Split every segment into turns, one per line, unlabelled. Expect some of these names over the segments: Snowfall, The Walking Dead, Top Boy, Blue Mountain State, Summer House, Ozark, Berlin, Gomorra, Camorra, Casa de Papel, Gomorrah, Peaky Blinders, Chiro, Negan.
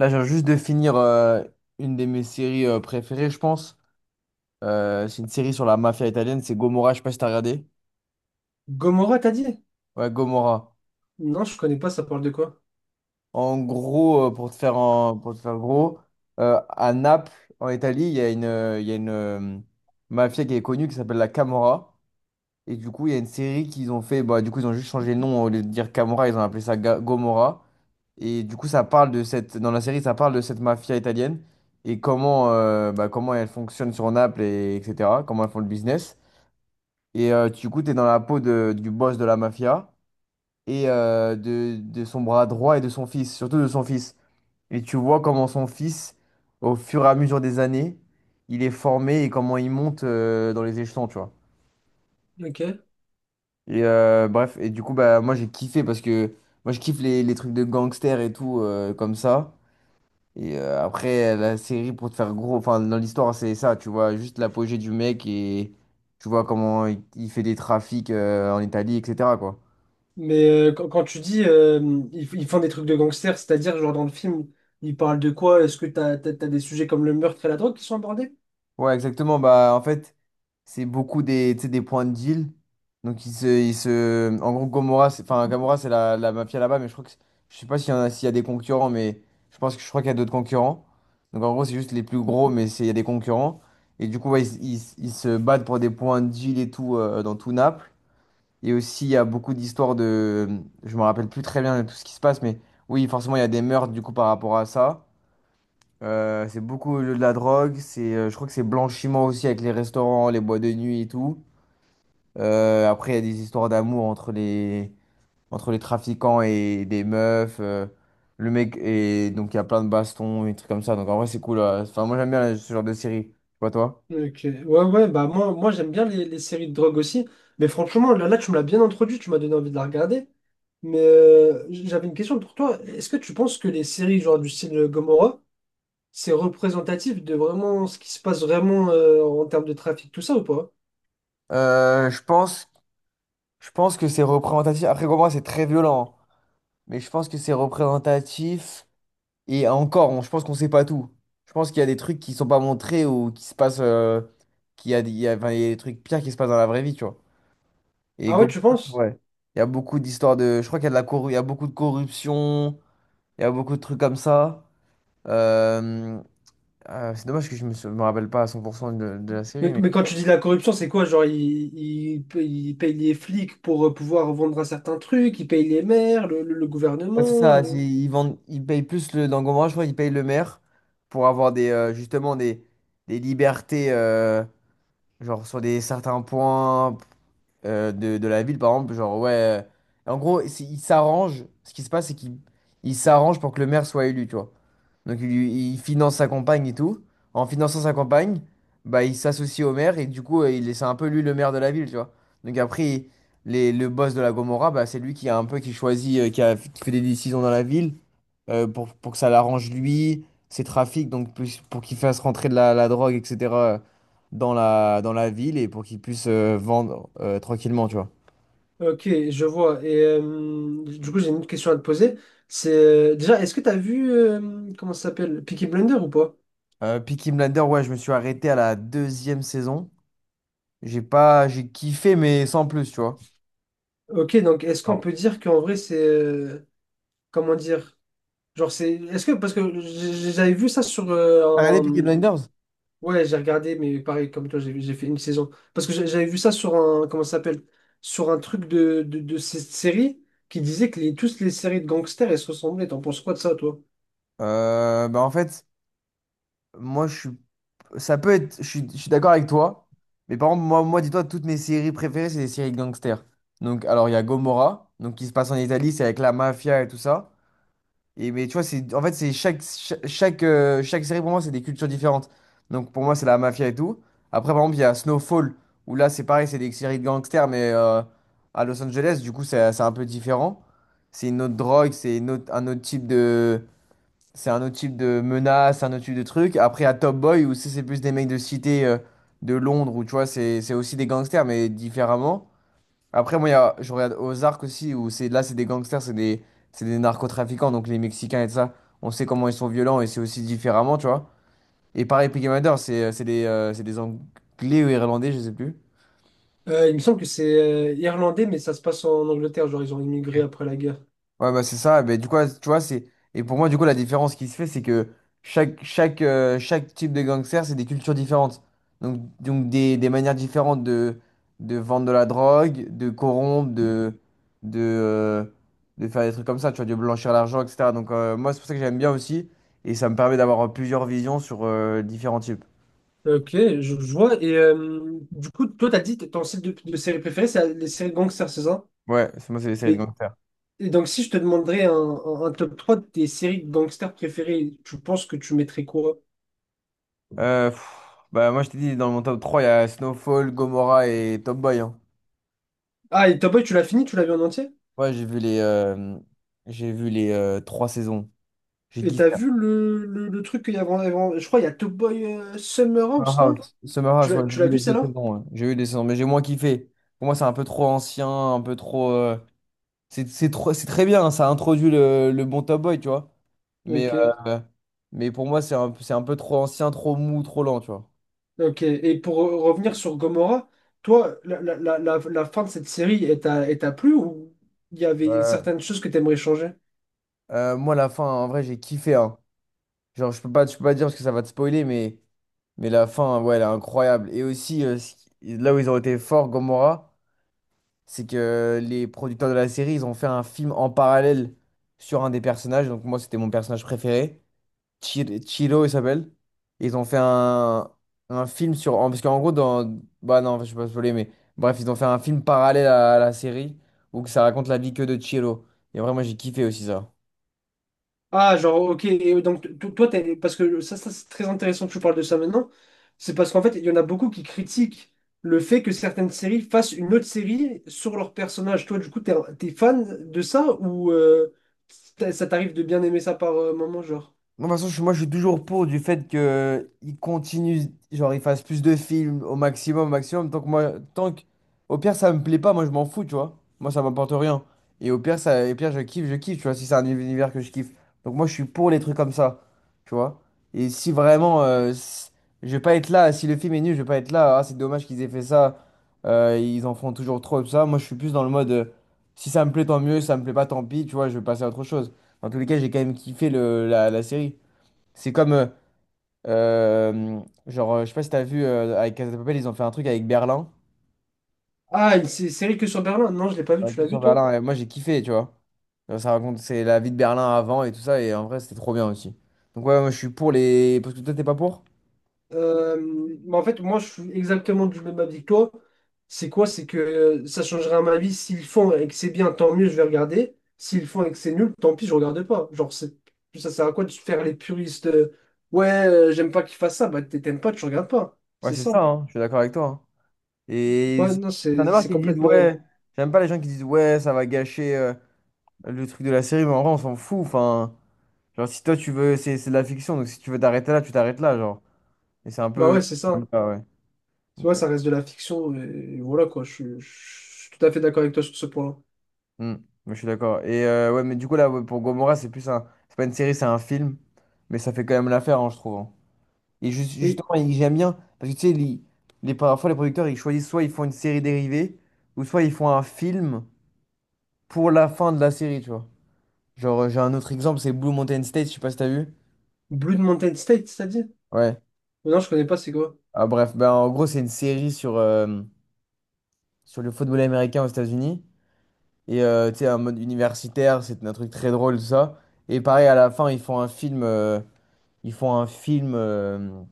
Là, j'ai juste de finir une de mes séries préférées, je pense. C'est une série sur la mafia italienne, c'est Gomorra, je sais pas si t'as regardé.
Gomorrah, t'as dit?
Ouais, Gomorra.
Non, je connais pas, ça parle de quoi?
En gros, pour te faire gros, à Naples, en Italie, il y a une mafia qui est connue qui s'appelle la Camorra. Et du coup, il y a une série qu'ils ont fait, bah, du coup, ils ont juste changé le nom, au lieu de dire Camorra, ils ont appelé ça Gomorra. Et du coup, ça parle de cette, dans la série, ça parle de cette mafia italienne et comment, bah, comment elle fonctionne sur Naples, et, etc. Comment elles font le business. Et du coup, tu es dans la peau du boss de la mafia et de son bras droit et de son fils, surtout de son fils. Et tu vois comment son fils, au fur et à mesure des années, il est formé et comment il monte dans les échelons, tu vois.
Ok.
Et bref, et du coup, bah, moi j'ai kiffé parce que moi je kiffe les trucs de gangsters et tout comme ça. Et après, la série, pour te faire gros, enfin, dans l'histoire, c'est ça, tu vois, juste l'apogée du mec et tu vois il fait des trafics en Italie, etc., quoi.
Mais quand tu dis ils, ils font des trucs de gangsters, c'est-à-dire, genre dans le film, ils parlent de quoi? Est-ce que t'as des sujets comme le meurtre et la drogue qui sont abordés?
Ouais, exactement. Bah, en fait, c'est beaucoup des, tu sais, des points de deal. Donc, il se... En gros, Gomorrah, c'est... Enfin, Gomorrah, c'est la mafia là-bas, mais je crois que... Je sais pas s'il y en a, s'il y a des concurrents, mais je pense que je crois qu'il y a d'autres concurrents. Donc, en gros, c'est juste les plus gros, mais c'est, il y a des concurrents. Et du coup, ouais, ils se battent pour des points de deal et tout dans tout Naples. Et aussi, il y a beaucoup d'histoires de... Je me rappelle plus très bien de tout ce qui se passe, mais oui, forcément, il y a des meurtres du coup par rapport à ça. C'est beaucoup de la drogue, je crois que c'est blanchiment aussi avec les restaurants, les boîtes de nuit et tout. Après, il y a des histoires d'amour entre les trafiquants et des meufs. Le mec, et donc il y a plein de bastons et des trucs comme ça. Donc en vrai, c'est cool. Enfin, moi, j'aime bien ce genre de série. Je sais pas toi.
Ok. Ouais, bah moi j'aime bien les séries de drogue aussi. Mais franchement, là, tu me l'as bien introduit, tu m'as donné envie de la regarder. Mais j'avais une question pour toi. Est-ce que tu penses que les séries genre du style Gomorrah, c'est représentatif de vraiment ce qui se passe vraiment en termes de trafic, tout ça ou pas?
Euh, je pense, je pense que c'est représentatif. Après, pour moi, c'est très violent, hein. Mais je pense que c'est représentatif. Et encore, je pense qu'on sait pas tout. Je pense qu'il y a des trucs qui sont pas montrés ou qui se passent, qu'il y a, des- il y a- enfin, il y a des trucs pires qui se passent dans la vraie vie, tu vois. Et
Ah ouais, tu
Gobelins,
penses?
ouais. Il y a beaucoup d'histoires de. Je crois qu'il y a il y a beaucoup de corruption. Il y a beaucoup de trucs comme ça. Euh, c'est dommage que je me rappelle pas à 100% de la série. Mais...
Mais quand tu dis la corruption, c'est quoi? Genre, ils payent les flics pour pouvoir vendre un certain truc, ils payent les maires, le
Ouais, c'est
gouvernement.
ça. Ils vendent, ils payent plus le, dans Gomorrah, je crois ils payent le maire pour avoir des, justement des libertés. Genre sur des certains points de la ville, par exemple, genre ouais. En gros, il s'arrange. Ce qui se passe, c'est qu'il il s'arrange pour que le maire soit élu, tu vois. Donc il finance sa campagne et tout. En finançant sa campagne, bah il s'associe au maire et du coup, c'est un peu lui le maire de la ville, tu vois. Donc après, le boss de la Gomorrah, bah c'est lui qui choisit, qui fait des décisions dans la ville pour que ça l'arrange lui, ses trafics, pour qu'il fasse rentrer la drogue, etc. dans dans la ville et pour qu'il puisse vendre tranquillement, tu vois.
Ok, je vois. Et du coup, j'ai une autre question à te poser. C'est déjà, est-ce que tu as vu, comment ça s'appelle, Peaky Blinders ou pas?
Peaky Blinders, ouais, je me suis arrêté à la deuxième saison. J'ai kiffé, mais sans plus, tu vois.
Ok, donc est-ce qu'on
Alors,
peut dire qu'en vrai, c'est. Comment dire? Genre, c'est. Est-ce que. Parce que j'avais vu ça sur
t'as regardé Peaky Blinders?
ouais, j'ai regardé, mais pareil, comme toi, j'ai fait une saison. Parce que j'avais vu ça sur un, comment ça s'appelle? Sur un truc de cette série qui disait que toutes les séries de gangsters, elles se ressemblaient. T'en penses quoi de ça, toi?
Bah en fait, moi je suis, ça peut être, je suis d'accord avec toi, mais par contre, moi dis-toi, toutes mes séries préférées, c'est des séries gangsters. Donc, alors il y a Gomorrah, donc qui se passe en Italie, c'est avec la mafia et tout ça. Et, mais tu vois, c'est, en fait, c'est chaque, cha- chaque, chaque série pour moi, c'est des cultures différentes. Donc pour moi, c'est la mafia et tout. Après, par exemple, il y a Snowfall, où là, c'est pareil, c'est des séries de gangsters, mais à Los Angeles, du coup, c'est un peu différent. C'est une autre drogue, un autre type c'est un autre type de menace, un autre type de truc. Après, à Top Boy, où c'est plus des mecs de cité de Londres, où tu vois, c'est aussi des gangsters, mais différemment. Après, moi, il y a- je regarde Ozark aussi, où c'est là, c'est des gangsters, c'est des narcotrafiquants, donc les Mexicains et tout ça, on sait comment ils sont violents et c'est aussi différemment, tu vois. Et pareil, Peaky Blinders, c'est des Anglais ou Irlandais, je sais plus.
Il me semble que c'est irlandais, mais ça se passe en Angleterre, genre ils ont immigré
Ok.
après la guerre.
Ouais, bah c'est ça. Mais du coup, ouais, tu vois, c'est. Et pour moi, du coup, la différence qui se fait, c'est que chaque type de gangster, c'est des cultures différentes. Donc des manières différentes de vendre de la drogue, de corrompre, de, euh, de faire des trucs comme ça, tu vois, de blanchir l'argent, etc. Donc, moi, c'est pour ça que j'aime bien aussi. Et ça me permet d'avoir plusieurs visions sur différents types.
Ok, je vois. Et du coup, toi, t'as dit que ton style de série préférée, c'est les séries de gangsters, c'est ça?
Ouais, c'est les séries de
Et,
gangsters.
et donc, si je te demanderais un top 3 de tes séries de gangsters préférées, tu penses que tu mettrais quoi?
Euh, pff, Bah, moi, je t'ai dit, dans mon top 3 il y a Snowfall, Gomorrah et Top Boy, hein.
Ah, et Top Boy, tu l'as fini? Tu l'as vu en entier?
Ouais, j'ai vu les trois saisons. J'ai
Et
kiffé.
t'as vu le truc qu'il y avait avant, je crois il y a Top Boy Summer House, non?
Summer House, ouais, j'ai
Tu l'as
vu
vu
les deux
celle-là?
saisons, ouais. J'ai vu les saisons, mais j'ai moins kiffé. Pour moi, c'est un peu trop ancien, un peu trop. C'est c'est trop, c'est très bien, hein, ça introduit le bon Top Boy, tu vois. Mais,
Ok.
euh, mais pour moi, c'est un peu trop ancien, trop mou, trop lent, tu vois.
Ok. Et pour revenir sur Gomorrah, toi, la fin de cette série, elle t'a plu ou il y avait
Euh,
certaines choses que t'aimerais changer?
Moi, la fin, en vrai, j'ai kiffé, hein. Genre, je peux pas dire parce que ça va te spoiler, mais la fin, ouais, elle est incroyable. Et aussi, ce là où ils ont été forts, Gomorrah. C'est que les producteurs de la série, ils ont fait un film en parallèle sur un des personnages. Donc moi, c'était mon personnage préféré. Chiro, il s'appelle. Ils ont fait un film sur... Parce qu'en gros, dans... Bah non, je sais pas spoiler, mais... Bref, ils ont fait un film parallèle à la série où que ça raconte la vie que de Chiro. Et vraiment, j'ai kiffé aussi ça.
Ah, genre, ok, et donc toi, parce que ça, c'est très intéressant que tu parles de ça maintenant, c'est parce qu'en fait, il y en a beaucoup qui critiquent le fait que certaines séries fassent une autre série sur leur personnage. Toi, du coup, t'es fan de ça ou ça t'arrive de bien aimer ça par moment, genre?
Moi, de toute façon, je suis toujours pour du fait que il continue, genre, il fasse plus de films au maximum, au maximum. Tant que moi, tant que, Au pire, ça me plaît pas, moi, je m'en fous, tu vois. Moi, ça m'apporte rien. Et au pire, et pire, je kiffe, tu vois, si c'est un univers que je kiffe. Donc, moi, je suis pour les trucs comme ça, tu vois. Et si vraiment, je vais pas être là, si le film est nul, je vais pas être là. Ah, c'est dommage qu'ils aient fait ça. Ils en font toujours trop, et tout ça. Moi, je suis plus dans le mode, si ça me plaît, tant mieux, si ça me plaît pas, tant pis, tu vois, je vais passer à autre chose. En tous les cas, j'ai quand même kiffé la série. C'est comme, euh, je sais pas si t'as vu, avec Casa de Papel, ils ont fait un truc avec Berlin.
Ah, une série que sur Berlin? Non, je l'ai pas vu, tu
Avec
l'as
sur
vu, toi?
Berlin, et moi j'ai kiffé, tu vois. Genre, c'est la vie de Berlin avant et tout ça, et en vrai, c'était trop bien aussi. Donc ouais, moi je suis pour les... Parce que toi, t'es pas pour?
Mais en fait, moi, je suis exactement du même avis que toi. C'est quoi? C'est que ça changera ma vie. S'ils font et que c'est bien, tant mieux, je vais regarder. S'ils font et que c'est nul, tant pis, je regarde pas. Genre, c'est, ça sert à quoi de se faire les puristes? Ouais, j'aime pas qu'ils fassent ça. Bah, t'aimes pas, tu regardes pas.
Ouais,
C'est
c'est ça,
simple.
hein, je suis d'accord avec toi, hein. Et
Ouais, non,
j'en ai marre
c'est
qui disent,
complètement réel.
ouais, j'aime pas les gens qui disent, ouais, ça va gâcher le truc de la série, mais en vrai, on s'en fout, enfin... Genre, si toi, tu veux... C'est de la fiction, donc si tu veux t'arrêter là, tu t'arrêtes là, genre. Et c'est un
Bah
peu.
ouais, c'est ça,
C'est un peu
hein.
ça, ouais.
Tu
Donc,
vois,
ouais.
ça reste de la fiction. Et voilà, quoi. Je suis tout à fait d'accord avec toi sur ce point-là.
Hmm. Moi, je suis d'accord. Et ouais, mais du coup, là, ouais, pour Gomorrah, c'est plus un. C'est pas une série, c'est un film. Mais ça fait quand même l'affaire, hein, je trouve, hein. Et
Et
justement, j'aime bien. Parce que tu sais, parfois, les producteurs, ils choisissent soit ils font une série dérivée, ou soit ils font un film pour la fin de la série, tu vois. Genre, j'ai un autre exemple, c'est Blue Mountain State, je sais pas si t'as vu.
Blue Mountain State, c'est-à-dire?
Ouais.
Non, je connais pas, c'est quoi?
Ah, bref, ben, en gros, c'est une série sur, sur le football américain aux États-Unis. Et tu sais, un mode universitaire, c'est un truc très drôle, tout ça. Et pareil, à la fin, ils font un film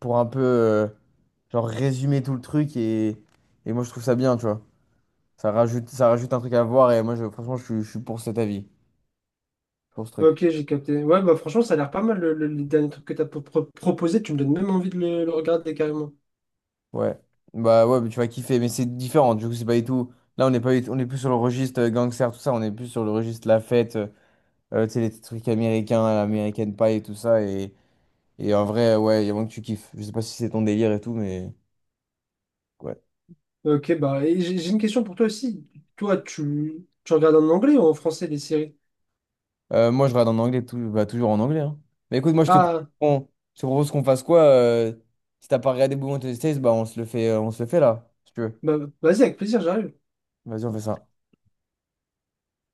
pour un peu, euh, genre, résumer tout le truc. Et moi, je trouve ça bien, tu vois. Ça rajoute un truc à voir. Et moi, franchement, je suis pour cet avis, pour ce truc.
Ok, j'ai capté. Ouais, bah franchement, ça a l'air pas mal les derniers trucs que t'as proposé. Tu me donnes même envie de le regarder carrément.
Ouais. Bah ouais, mais tu vas kiffer. Mais c'est différent. Du coup, c'est pas du tout. Là, on n'est pas, du- on est plus sur le registre gangster, tout ça. On est plus sur le registre la fête, tu sais, les trucs américains, l'American Pie et tout ça. Et. Et en vrai, ouais, il y a moins que tu kiffes. Je sais pas si c'est ton délire et tout, mais ouais.
Ok, bah, et j'ai une question pour toi aussi. Toi, tu regardes en anglais ou en français les séries?
Moi, je regarde en anglais, tout, bah, toujours en anglais, hein. Mais écoute, moi,
Ah,
je te propose qu'on fasse quoi? Si t'as pas regardé Bouillon Testés, bah, on se le fait, on se le fait là, si tu veux.
bah, vas-y, avec plaisir, j'arrive.
Vas-y, on fait ça.